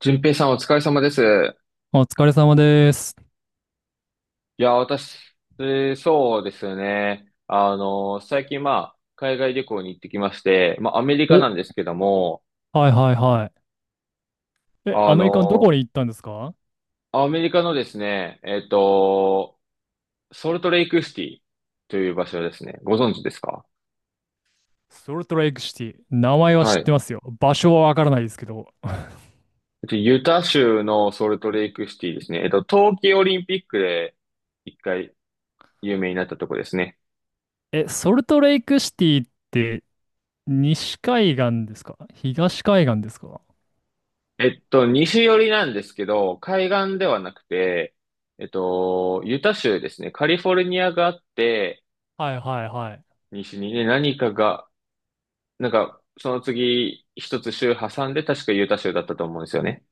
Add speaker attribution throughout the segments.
Speaker 1: 淳平さんお疲れ様です。
Speaker 2: お疲れ様です。
Speaker 1: いや、私、そうですね。最近まあ、海外旅行に行ってきまして、まあ、アメリカ
Speaker 2: お、
Speaker 1: なんですけども、
Speaker 2: はいはいはい。え、ア
Speaker 1: あ
Speaker 2: メリカのどこ
Speaker 1: の、
Speaker 2: に行ったんですか？
Speaker 1: アメリカのですね、ソルトレイクシティという場所ですね。ご存知ですか？
Speaker 2: ソルトレイクシティ。名前は知
Speaker 1: は
Speaker 2: っ
Speaker 1: い。
Speaker 2: てますよ。場所はわからないですけど。
Speaker 1: ユタ州のソルトレイクシティですね。冬季オリンピックで一回有名になったとこですね。
Speaker 2: え、ソルトレイクシティって西海岸ですか、東海岸ですか？
Speaker 1: 西寄りなんですけど、海岸ではなくて、ユタ州ですね。カリフォルニアがあって、
Speaker 2: はいはいはい。
Speaker 1: 西にね、何かが、なんか、その次、一つ州挟んで、確かユタ州だったと思うんですよね。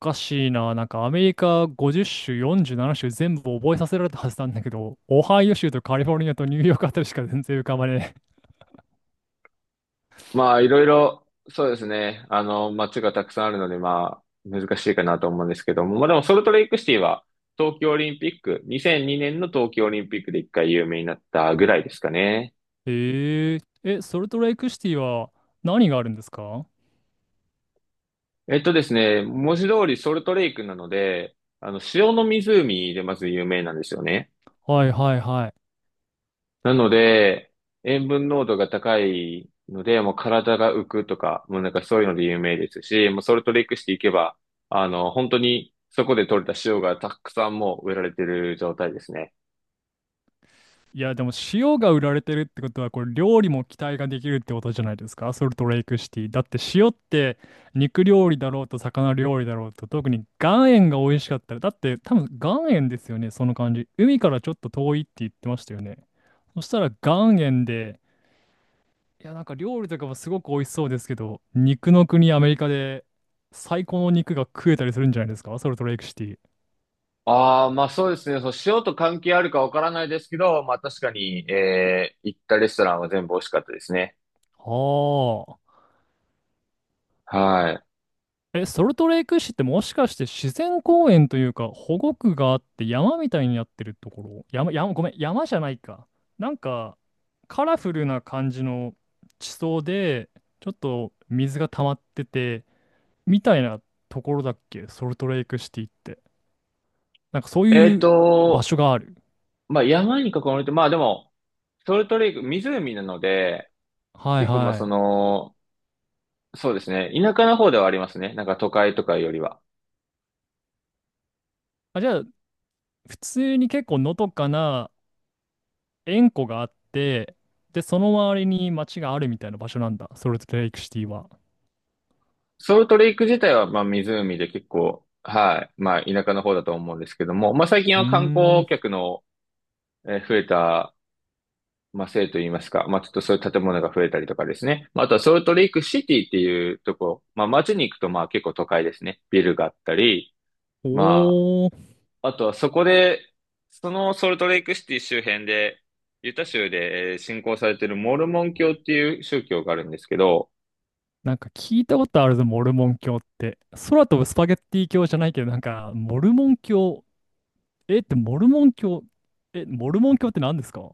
Speaker 2: おかしいな。なんかアメリカ50州、47州全部覚えさせられたはずなんだけど、オハイオ州とカリフォルニアとニューヨークあたりしか全然浮かばね
Speaker 1: まあ、いろいろ、そうですね。街がたくさんあるので、まあ、難しいかなと思うんですけども。まあでも、ソルトレイクシティは、東京オリンピック、2002年の東京オリンピックで一回有名になったぐらいですかね。
Speaker 2: え。えー、え、ソルトレイクシティは何があるんですか？
Speaker 1: ですね、文字通りソルトレイクなので、塩の湖でまず有名なんですよね。
Speaker 2: はいはいはい。
Speaker 1: なので、塩分濃度が高いので、もう体が浮くとか、もうなんかそういうので有名ですし、もうソルトレイクしていけば、本当にそこで取れた塩がたくさんもう植えられてる状態ですね。
Speaker 2: いや、でも塩が売られてるってことは、これ料理も期待ができるってことじゃないですか、ソルトレイクシティ。だって塩って肉料理だろうと魚料理だろうと、特に岩塩が美味しかったら、だって多分岩塩ですよね、その感じ。海からちょっと遠いって言ってましたよね。そしたら岩塩で、いや、なんか料理とかもすごく美味しそうですけど、肉の国アメリカで最高の肉が食えたりするんじゃないですか、ソルトレイクシティ。
Speaker 1: ああ、まあそうですね。そう、塩と関係あるかわからないですけど、まあ確かに、行ったレストランは全部美味しかったですね。
Speaker 2: はあ。
Speaker 1: はい。
Speaker 2: え、ソルトレイク市ってもしかして自然公園というか保護区があって山みたいになってるところ、ごめん、山じゃないか。なんかカラフルな感じの地層でちょっと水が溜まっててみたいなところだっけ、ソルトレイクシティって。なんかそう
Speaker 1: え
Speaker 2: い
Speaker 1: っ
Speaker 2: う場
Speaker 1: と、
Speaker 2: 所がある。
Speaker 1: まあ山に囲まれて、まあでも、ソルトレイク、湖なので、
Speaker 2: はい
Speaker 1: 結構まあそ
Speaker 2: はい。
Speaker 1: の、そうですね、田舎の方ではありますね。なんか都会とかよりは。
Speaker 2: あ、じゃあ普通に結構のどかな塩湖があって、でその周りに町があるみたいな場所なんだ、ソルトレイクシティは。
Speaker 1: ソルトレイク自体はまあ湖で結構、はい、まあ田舎の方だと思うんですけども、まあ最近
Speaker 2: うー
Speaker 1: は観光
Speaker 2: ん。
Speaker 1: 客の増えた、まあせいと言いますか、まあちょっとそういう建物が増えたりとかですね。まああとはソルトレイクシティっていうとこ、まあ街に行くとまあ結構都会ですね。ビルがあったり、ま
Speaker 2: おー、
Speaker 1: あ、あとはそこで、そのソルトレイクシティ周辺で、ユタ州で信仰されているモルモン教っていう宗教があるんですけど、
Speaker 2: なんか聞いたことあるぞ、モルモン教って。空飛ぶスパゲッティ教じゃないけど、なんか、モルモン教、えってモルモン教、え、モルモン教って何ですか？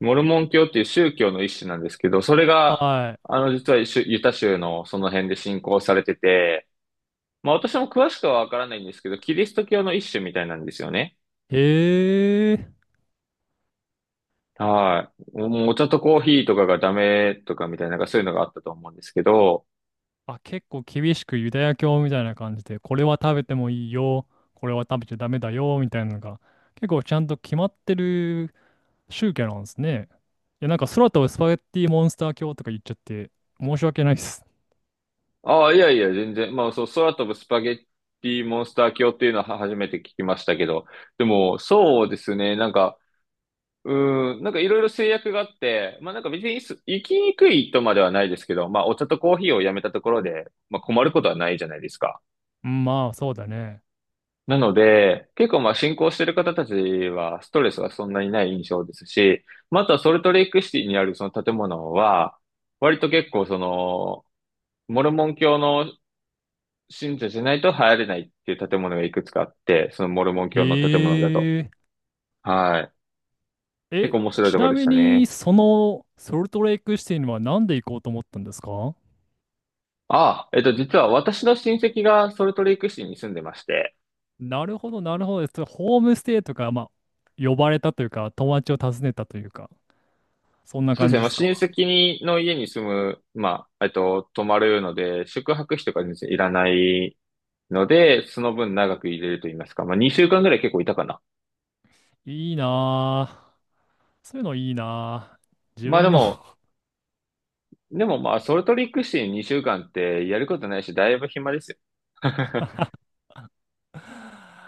Speaker 1: モルモン教っていう宗教の一種なんですけど、それが、
Speaker 2: は
Speaker 1: 実はユタ州のその辺で信仰されてて、まあ私も詳しくはわからないんですけど、キリスト教の一種みたいなんですよね。
Speaker 2: い。へー。
Speaker 1: はい。もうお茶とコーヒーとかがダメとかみたいな、なんかそういうのがあったと思うんですけど、
Speaker 2: あ、結構厳しくユダヤ教みたいな感じで、これは食べてもいいよ、これは食べちゃダメだよ、みたいなのが、結構ちゃんと決まってる宗教なんですね。いや、なんか空飛ぶスパゲッティモンスター教とか言っちゃって、申し訳ないです。
Speaker 1: ああ、いやいや、全然。まあ、そう、空飛ぶスパゲッティモンスター教っていうのは初めて聞きましたけど、でも、そうですね、なんか、うなんかいろいろ制約があって、まあなんか別に行きにくいとまではないですけど、まあお茶とコーヒーをやめたところで、まあ困ることはないじゃないですか。
Speaker 2: うん、まあ、そうだね。
Speaker 1: なので、結構まあ進行してる方たちはストレスがそんなにない印象ですし、またソルトレイクシティにあるその建物は、割と結構その、モルモン教の信者じゃないと入れないっていう建物がいくつかあって、そのモルモン教の建物だと。
Speaker 2: へえ。
Speaker 1: はい。結
Speaker 2: え、
Speaker 1: 構面白いと
Speaker 2: ち
Speaker 1: ころ
Speaker 2: な
Speaker 1: でし
Speaker 2: み
Speaker 1: た
Speaker 2: に、
Speaker 1: ね。
Speaker 2: そのソルトレイクシティにはなんで行こうと思ったんですか？
Speaker 1: ああ、実は私の親戚がソルトレイク市に住んでまして、
Speaker 2: なるほど、なるほど。それホームステイとか、まあ、呼ばれたというか、友達を訪ねたというか、そんな
Speaker 1: そうで
Speaker 2: 感
Speaker 1: すね、
Speaker 2: じで
Speaker 1: まあ、
Speaker 2: す
Speaker 1: 親
Speaker 2: か。
Speaker 1: 戚の家に住む、まあ、泊まるので、宿泊費とか全然いらないので、その分長く入れると言いますか、まあ、2週間ぐらい結構いたかな。
Speaker 2: いいなぁ。そういうのいいなぁ。自
Speaker 1: まあで
Speaker 2: 分の
Speaker 1: も、でもまあ、ソルトレイク市2週間ってやることないし、だいぶ暇ですよ。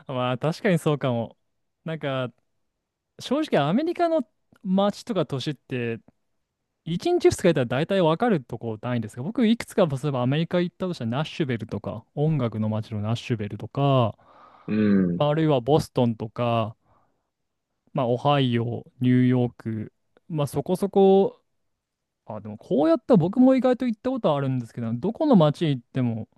Speaker 2: まあ、確かにそうかも。なんか、正直、アメリカの街とか都市って、1日2日やったら大体わかるとこないんですが、僕いくつか、例えばアメリカ行ったとしたらナッシュベルとか、音楽の街のナッシュベルとか、
Speaker 1: う
Speaker 2: ま
Speaker 1: ん。
Speaker 2: あ、あるいはボストンとか、まあ、オハイオ、ニューヨーク、まあ、そこそこ、あ、でもこうやったら僕も意外と行ったことあるんですけど、どこの街行っても、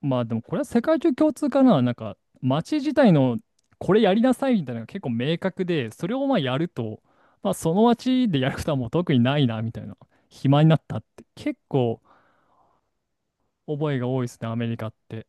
Speaker 2: まあでもこれは世界中共通かな。なんか街自体のこれやりなさいみたいなのが結構明確で、それをまあやると、まあその街でやることはもう特にないなみたいな。暇になったって結構覚えが多いですね、アメリカって。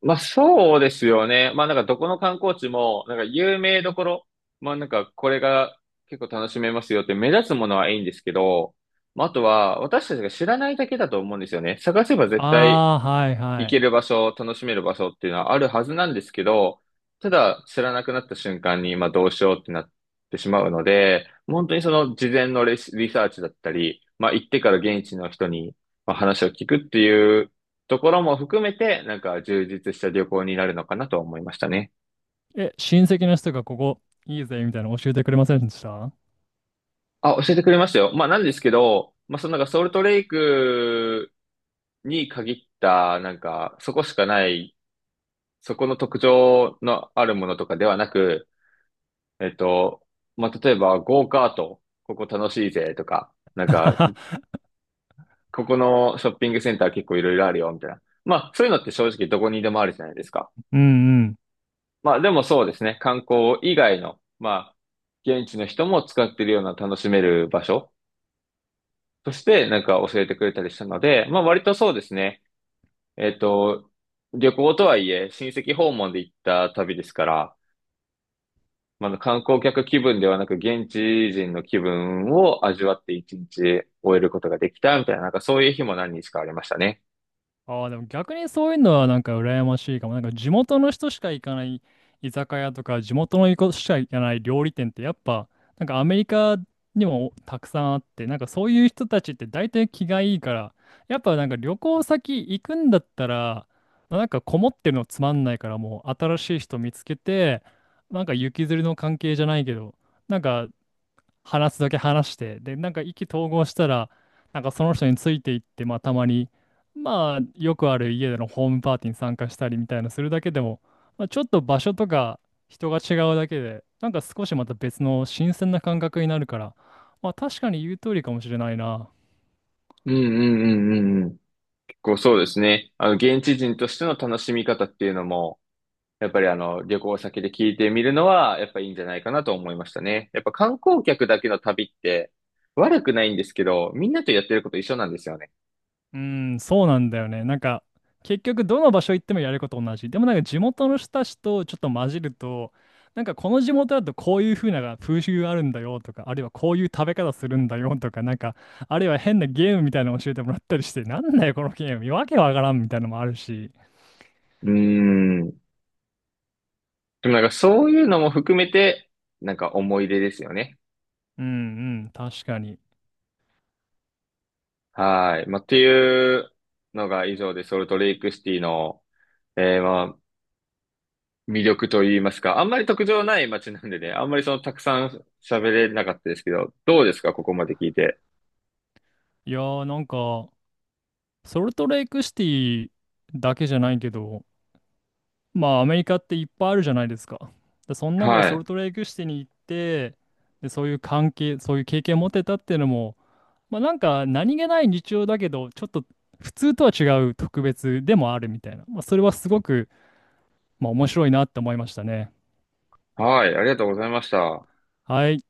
Speaker 1: まあそうですよね。まあなんかどこの観光地も、なんか有名どころ、まあなんかこれが結構楽しめますよって目立つものはいいんですけど、まああとは私たちが知らないだけだと思うんですよね。探せば絶対
Speaker 2: ああ、はいは
Speaker 1: 行け
Speaker 2: い。
Speaker 1: る場所、楽しめる場所っていうのはあるはずなんですけど、ただ知らなくなった瞬間に今どうしようってなってしまうので、本当にその事前のリサーチだったり、まあ行ってから現地の人にまあ話を聞くっていうところも含めて、なんか充実した旅行になるのかなと思いましたね。
Speaker 2: え、親戚の人がここいいぜみたいなの教えてくれませんでした？
Speaker 1: あ、教えてくれましたよ。まあなんですけど、まあそのなんかソルトレイクに限った、なんかそこしかない、そこの特徴のあるものとかではなく、えっと、まあ、例えば、ゴーカート、ここ楽しいぜとか、なんか、ここのショッピングセンター結構いろいろあるよ、みたいな。まあ、そういうのって正直どこにでもあるじゃないですか。
Speaker 2: うんうん、
Speaker 1: まあ、でもそうですね、観光以外の、まあ、現地の人も使ってるような楽しめる場所として、なんか教えてくれたりしたので、まあ、割とそうですね、えっと、旅行とはいえ、親戚訪問で行った旅ですから、まあ、観光客気分ではなく、現地人の気分を味わって一日終えることができたみたいな、なんかそういう日も何日かありましたね。
Speaker 2: ああ、でも逆にそういうのはなんか羨ましいかも。なんか地元の人しか行かない居酒屋とか、地元の人しか行かない料理店ってやっぱ、なんかアメリカにもたくさんあって、なんかそういう人たちって大体気がいいから、やっぱなんか旅行先行くんだったら、まあなんかこもってるのつまんないからもう新しい人見つけて、なんか行きずりの関係じゃないけど、なんか話すだけ話して、で、なんか意気投合したら、なんかその人についていって、まあたまに、まあよくある家でのホームパーティーに参加したりみたいなするだけでも、まあ、ちょっと場所とか人が違うだけで、なんか少しまた別の新鮮な感覚になるから、まあ確かに言う通りかもしれないな。
Speaker 1: うんうんうんうんうん。結構そうですね。現地人としての楽しみ方っていうのも、やっぱり旅行先で聞いてみるのは、やっぱいいんじゃないかなと思いましたね。やっぱ観光客だけの旅って、悪くないんですけど、みんなとやってること一緒なんですよね。
Speaker 2: うん、そうなんだよね。なんか、結局どの場所行ってもやること同じ。でもなんか地元の人たちとちょっと混じると、なんかこの地元だとこういう風な風習があるんだよとか、あるいはこういう食べ方するんだよとか、なんか、あるいは変なゲームみたいなの教えてもらったりして、なんだよこのゲーム、わけわからんみたいなのもあるし。
Speaker 1: うーん。でもなんかそういうのも含めて、なんか思い出ですよね。
Speaker 2: うんうん、確かに。
Speaker 1: はい。まあ、っていうのが以上で、ソルトレイクシティの、まあ、魅力といいますか、あんまり特徴ない街なんでね、あんまりそのたくさん喋れなかったですけど、どうですか、ここまで聞いて。
Speaker 2: いやーなんか、ソルトレイクシティだけじゃないけど、まあアメリカっていっぱいあるじゃないですか。で、その中で
Speaker 1: は
Speaker 2: ソ
Speaker 1: い。
Speaker 2: ルトレイクシティに行って、で、そういう関係、そういう経験を持てたっていうのも、まあなんか何気ない日常だけど、ちょっと普通とは違う特別でもあるみたいな。まあそれはすごく、まあ、面白いなって思いましたね。
Speaker 1: はい。ありがとうございました。
Speaker 2: はい。